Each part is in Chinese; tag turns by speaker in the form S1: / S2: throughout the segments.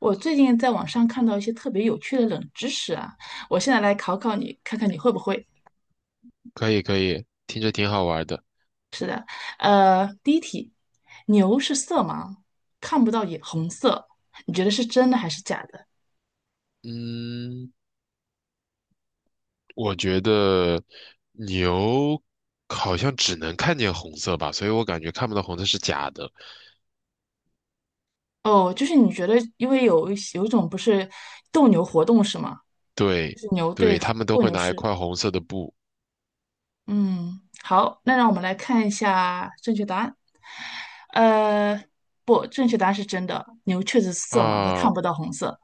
S1: 我最近在网上看到一些特别有趣的冷知识啊，我现在来考考你，看看你会不会。
S2: 可以可以，听着挺好玩的。
S1: 第一题，牛是色盲，看不到也红色，你觉得是真的还是假的？
S2: 嗯，我觉得牛好像只能看见红色吧，所以我感觉看不到红色是假的。
S1: 哦，就是你觉得，因为有一种不是斗牛活动是吗？就
S2: 对
S1: 是牛对
S2: 对，他们都
S1: 斗
S2: 会
S1: 牛
S2: 拿一
S1: 士。
S2: 块红色的布
S1: 嗯，好，那让我们来看一下正确答案。呃，不，正确答案是真的，牛确实是色盲，它
S2: 啊，
S1: 看不到红色。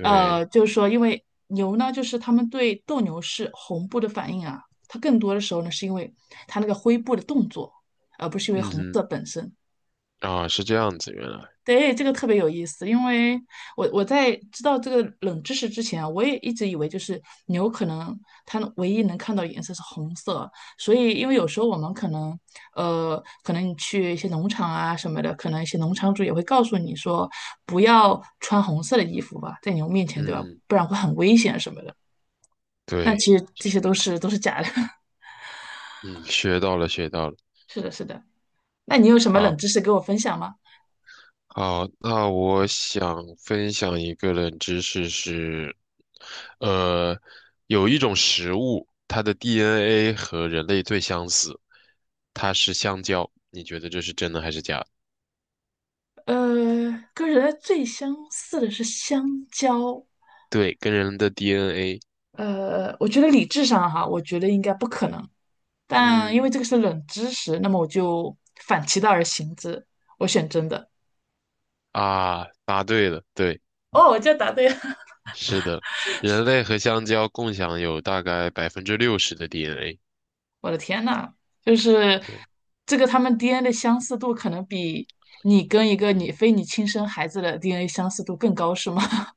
S1: 就是说，因为牛呢，就是它们对斗牛士红布的反应啊，它更多的时候呢，是因为它那个灰布的动作，而不是因为
S2: 嗯
S1: 红色
S2: 哼，
S1: 本身。
S2: 啊，是这样子，原来，
S1: 对，这个特别有意思，因为我在知道这个冷知识之前啊，我也一直以为就是牛可能它唯一能看到颜色是红色，所以因为有时候我们可能可能你去一些农场啊什么的，可能一些农场主也会告诉你说不要穿红色的衣服吧，在牛面前，对吧？
S2: 嗯，
S1: 不然会很危险什么的。但
S2: 对，
S1: 其实这些都是假的。
S2: 嗯，学到了学到了。
S1: 是的，是的。那你有什么冷
S2: 好，
S1: 知识给我分享吗？
S2: 好，那我想分享一个冷知识是，呃，有一种食物，它的 DNA 和人类最相似，它是香蕉。你觉得这是真的还是假的？
S1: 呃，跟人类最相似的是香蕉。
S2: 对，跟人的 DNA，
S1: 我觉得理智上哈，我觉得应该不可能，但因
S2: 嗯，
S1: 为这个是冷知识，那么我就反其道而行之，我选真的。
S2: 啊，答对了，对，
S1: 哦，我就答对了！
S2: 是的，人类和香蕉共享有大概60%的 DNA。
S1: 我的天呐，就是
S2: 对，
S1: 这个他们 DNA 的相似度可能比你跟一个你非亲生孩子的 DNA 相似度更高，是吗？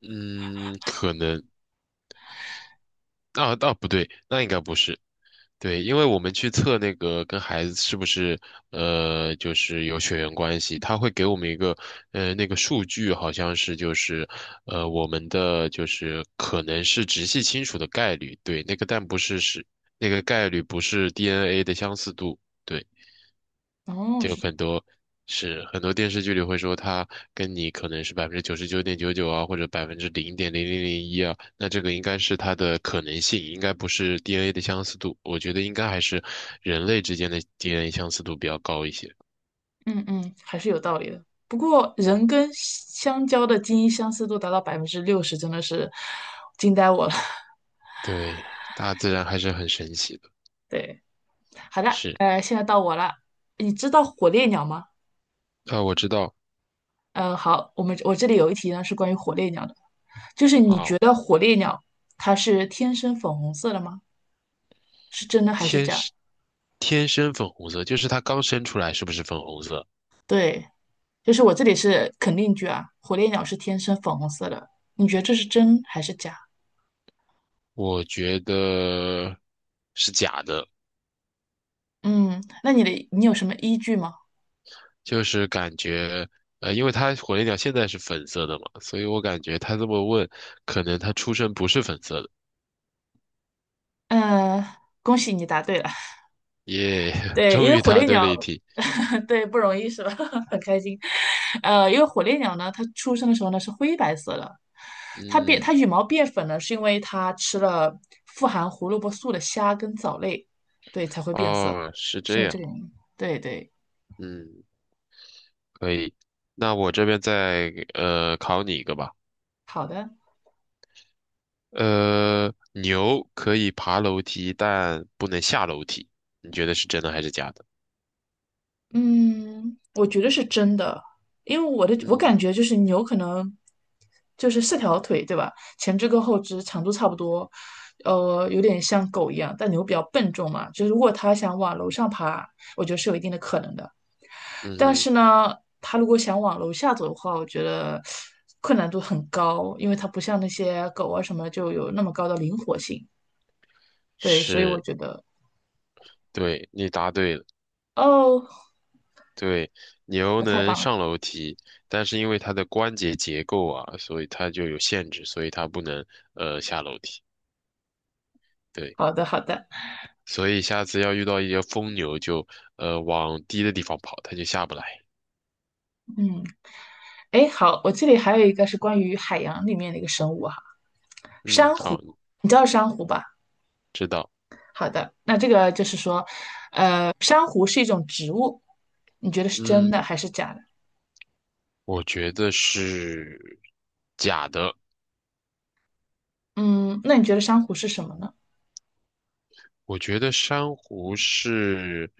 S2: 嗯，可能，啊，啊，不对，那应该不是。对，因为我们去测那个跟孩子是不是就是有血缘关系，他会给我们一个那个数据，好像是就是我们的就是可能是直系亲属的概率，对，那个但不是那个概率不是 DNA 的相似度，对，
S1: 哦，
S2: 就
S1: 是，
S2: 很多是很多电视剧里会说他跟你可能是99.99%啊，或者0.0001%啊，那这个应该是它的可能性，应该不是 DNA 的相似度，我觉得应该还是人类之间的 DNA 相似度比较高一些。
S1: 嗯嗯，还是有道理的。不过人
S2: 嗯，
S1: 跟香蕉的基因相似度达到百分之六十，真的是惊呆我了。
S2: 对，大自然还是很神奇的。
S1: 对。好的，
S2: 是，
S1: 现在到我了。你知道火烈鸟吗？
S2: 啊，我知道，
S1: 嗯，好，我这里有一题呢，是关于火烈鸟的，就是你
S2: 啊，
S1: 觉得火烈鸟它是天生粉红色的吗？是真的还是
S2: 天
S1: 假？
S2: 生天生粉红色，就是它刚生出来是不是粉红色？
S1: 对，就是我这里是肯定句啊，火烈鸟是天生粉红色的，你觉得这是真还是假？
S2: 我觉得是假的。
S1: 嗯，那你有什么依据吗？
S2: 就是感觉，因为他火烈鸟现在是粉色的嘛，所以我感觉他这么问，可能他出身不是粉色的。
S1: 呃，恭喜你答对了。
S2: 耶，
S1: 对，因
S2: 终
S1: 为
S2: 于
S1: 火
S2: 答
S1: 烈
S2: 对了
S1: 鸟，
S2: 一题。
S1: 对，不容易是吧？很开心。因为火烈鸟呢，它出生的时候呢是灰白色的，它变
S2: 嗯，
S1: 它羽毛变粉呢，是因为它吃了富含胡萝卜素的虾跟藻类，对，才会变色，
S2: 哦，是
S1: 是因
S2: 这
S1: 为这
S2: 样。
S1: 个原因。对对，
S2: 嗯，可以。那我这边再考你一个吧。
S1: 好的。
S2: 牛可以爬楼梯，但不能下楼梯。你觉得是真的还是假的？
S1: 嗯，我觉得是真的，因为我感
S2: 嗯
S1: 觉就是牛可能就是四条腿，对吧？前肢跟后肢长度差不多，有点像狗一样，但牛比较笨重嘛，就是如果它想往楼上爬，我觉得是有一定的可能的。
S2: 嗯
S1: 但
S2: 哼
S1: 是呢，它如果想往楼下走的话，我觉得困难度很高，因为它不像那些狗啊什么就有那么高的灵活性。对，所以我
S2: 是，
S1: 觉得，
S2: 对，你答对了。
S1: 哦，
S2: 对，牛
S1: 我太棒
S2: 能
S1: 了，
S2: 上楼梯，但是因为它的关节结构啊，所以它就有限制，所以它不能下楼梯。对，
S1: 好的好的，
S2: 所以下次要遇到一些疯牛就，往低的地方跑，它就下不来。
S1: 嗯。哎，好，我这里还有一个是关于海洋里面的一个生物哈，
S2: 嗯，
S1: 珊瑚，
S2: 好，
S1: 你知道珊瑚吧？
S2: 知道。
S1: 好的，那这个就是说，珊瑚是一种植物，你觉得是真
S2: 嗯，
S1: 的还是假的？
S2: 我觉得是假的。
S1: 嗯，那你觉得珊瑚是什么呢？
S2: 我觉得珊瑚是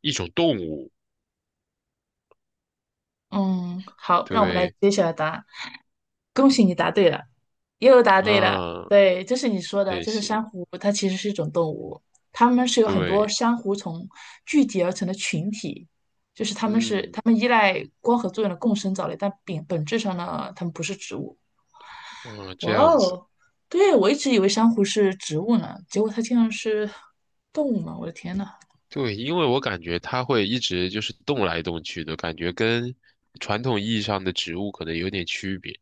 S2: 一种动物。
S1: 嗯，好，让我们来
S2: 对，
S1: 揭晓答案。恭喜你答对了，又答对了。
S2: 啊，
S1: 对，就是你说的，
S2: 谢
S1: 就是珊
S2: 谢。
S1: 瑚，它其实是一种动物，它们是由很多
S2: 对，
S1: 珊瑚虫聚集而成的群体，
S2: 嗯，
S1: 它们依赖光合作用的共生藻类，但本质上呢，它们不是植物。
S2: 啊，这
S1: 哇
S2: 样子。
S1: 哦，对，我一直以为珊瑚是植物呢，结果它竟然是动物嘛！我的天呐，
S2: 对，因为我感觉它会一直就是动来动去的，感觉跟传统意义上的植物可能有点区别。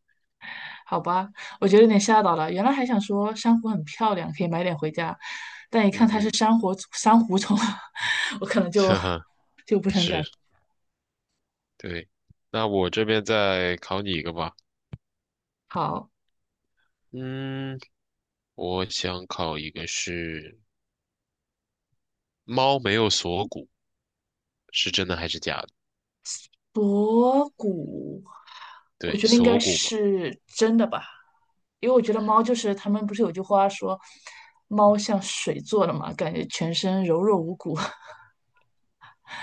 S1: 好吧，我觉得有点吓到了。原来还想说珊瑚很漂亮，可以买点回家，但一看
S2: 嗯
S1: 它是
S2: 哼，
S1: 珊瑚虫啊，我可能 就
S2: 哈哈，
S1: 不是很
S2: 是，
S1: 感。
S2: 对。那我这边再考你一个吧。
S1: 好，
S2: 嗯，我想考一个是猫没有锁骨，是真的还是假的？
S1: 博古，我
S2: 对，
S1: 觉得应该
S2: 锁骨嘛。
S1: 是真的吧，因为我觉得猫就是他们不是有句话说，猫像水做的嘛，感觉全身柔弱无骨。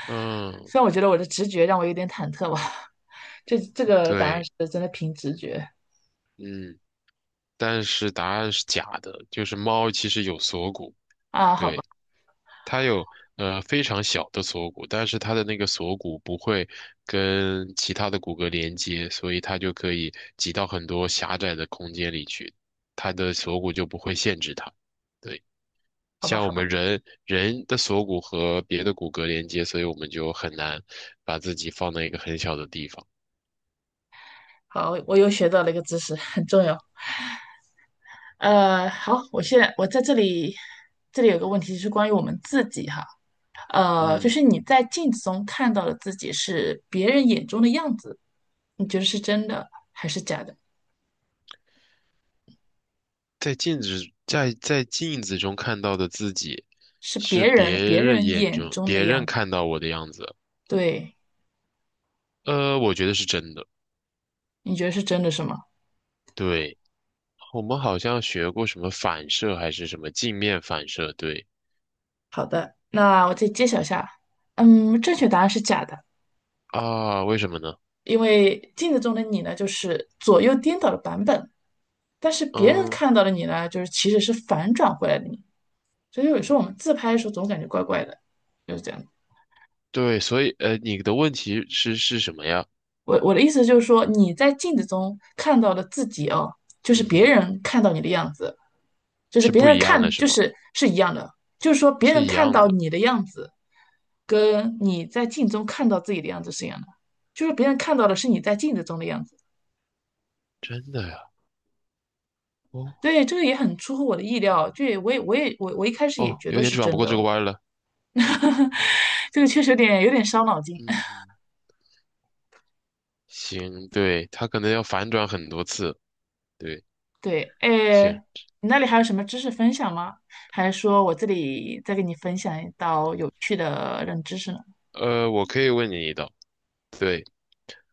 S2: 嗯，
S1: 虽然我觉得我的直觉让我有点忐忑吧，这个答案
S2: 对，
S1: 是真的凭直觉
S2: 嗯，但是答案是假的，就是猫其实有锁骨。
S1: 啊，好吧，
S2: 对。它有非常小的锁骨，但是它的那个锁骨不会跟其他的骨骼连接，所以它就可以挤到很多狭窄的空间里去，它的锁骨就不会限制它。对，
S1: 好吧，
S2: 像我
S1: 好吧，
S2: 们人的锁骨和别的骨骼连接，所以我们就很难把自己放在一个很小的地方。
S1: 好，我又学到了一个知识，很重要。好，我现在在这里，这里有个问题是关于我们自己哈。就
S2: 嗯，
S1: 是你在镜子中看到的自己是别人眼中的样子，你觉得是真的还是假的？
S2: 在镜子中看到的自己，
S1: 是
S2: 是
S1: 别
S2: 别
S1: 人别
S2: 人
S1: 人
S2: 眼
S1: 眼
S2: 中
S1: 中的
S2: 别人
S1: 样子，
S2: 看到我的样子。
S1: 对，
S2: 我觉得是真的。
S1: 你觉得是真的是吗？
S2: 对。我们好像学过什么反射还是什么镜面反射，对
S1: 好的，那我再揭晓一下，嗯，正确答案是假的，
S2: 啊，为什么呢？
S1: 因为镜子中的你呢，就是左右颠倒的版本，但是别人
S2: 嗯，
S1: 看到的你呢，就是其实是反转回来的你，所以有时候我们自拍的时候总感觉怪怪的，就是这样。
S2: 对，所以你的问题是什么呀？
S1: 我的意思就是说，你在镜子中看到的自己哦，就是
S2: 嗯
S1: 别
S2: 哼，
S1: 人看到你的样子，就是
S2: 是
S1: 别
S2: 不
S1: 人
S2: 一样的，
S1: 看
S2: 是
S1: 就
S2: 吗？
S1: 是是一样的，就是说别
S2: 是
S1: 人
S2: 一
S1: 看
S2: 样
S1: 到
S2: 的，
S1: 你的样子，跟你在镜中看到自己的样子是一样的，就是别人看到的是你在镜子中的样子。
S2: 真的呀？哦
S1: 对，这个也很出乎我的意料，就也我也我也我我一开始也
S2: 哦，
S1: 觉
S2: 有
S1: 得
S2: 点
S1: 是
S2: 转不
S1: 真
S2: 过这个
S1: 的，
S2: 弯儿了。
S1: 这个确实有点伤脑筋。
S2: 嗯，行，对，他可能要反转很多次。对，
S1: 对，诶，
S2: 行，
S1: 你那里还有什么知识分享吗？还是说我这里再给你分享一道有趣的冷知识呢？
S2: 我可以问你一道，对。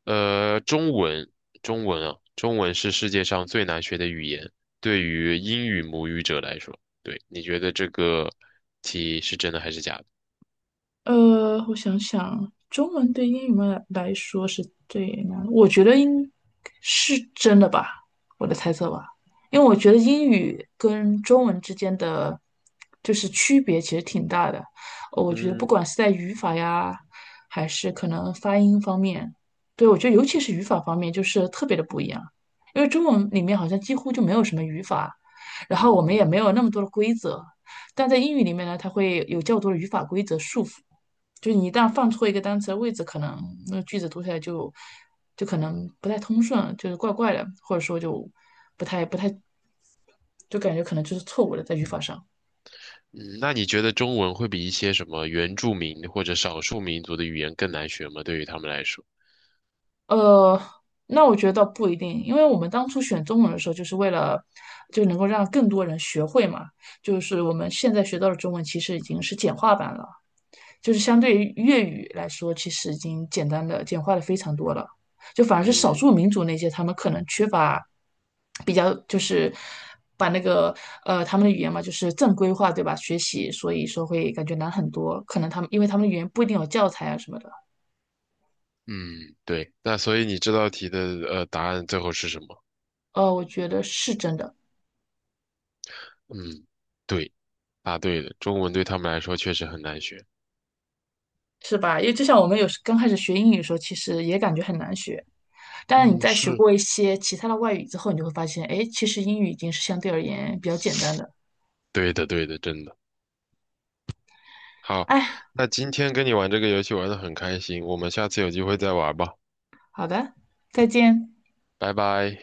S2: 呃，中文，中文是世界上最难学的语言，对于英语母语者来说，对，你觉得这个题是真的还是假的？
S1: 我想想，中文对英语们来说是最难的我觉得应是真的吧，我的猜测吧，因为我觉得英语跟中文之间的就是区别其实挺大的，我觉得不
S2: 嗯
S1: 管是在语法呀，还是可能发音方面，对，我觉得尤其是语法方面就是特别的不一样，因为中文里面好像几乎就没有什么语法，然后我们也没
S2: 嗯
S1: 有那么多的规则，但在英语里面呢，它会有较多的语法规则束缚。就是你一旦放错一个单词的位置，可能那个句子读起来就就可能不太通顺，就是怪怪的，或者说就不太，就感觉可能就是错误的在语法上。
S2: 嗯，那你觉得中文会比一些什么原住民或者少数民族的语言更难学吗？对于他们来说？
S1: 呃，那我觉得倒不一定，因为我们当初选中文的时候，就是为了就能够让更多人学会嘛。就是我们现在学到的中文，其实已经是简化版了。就是相对于粤语来说，其实已经简单的简化的非常多了。就反而是少数
S2: 嗯
S1: 民族那些，他们可能缺乏比较，就是把那个他们的语言嘛，就是正规化，对吧？学习，所以说会感觉难很多。可能他们因为他们的语言不一定有教材啊什么的。
S2: 嗯，对，那所以你这道题的答案最后是什么？
S1: 我觉得是真的，
S2: 嗯，对，答对了，中文对他们来说确实很难学。
S1: 是吧？因为就像我们有时刚开始学英语的时候，其实也感觉很难学。但是你
S2: 嗯，
S1: 在学
S2: 是
S1: 过一些其他的外语之后，你就会发现，哎，其实英语已经是相对而言比较简单的。
S2: 对的，对的，真的。好，
S1: 哎，
S2: 那今天跟你玩这个游戏玩的很开心，我们下次有机会再玩吧，
S1: 好的，再见。
S2: 拜拜。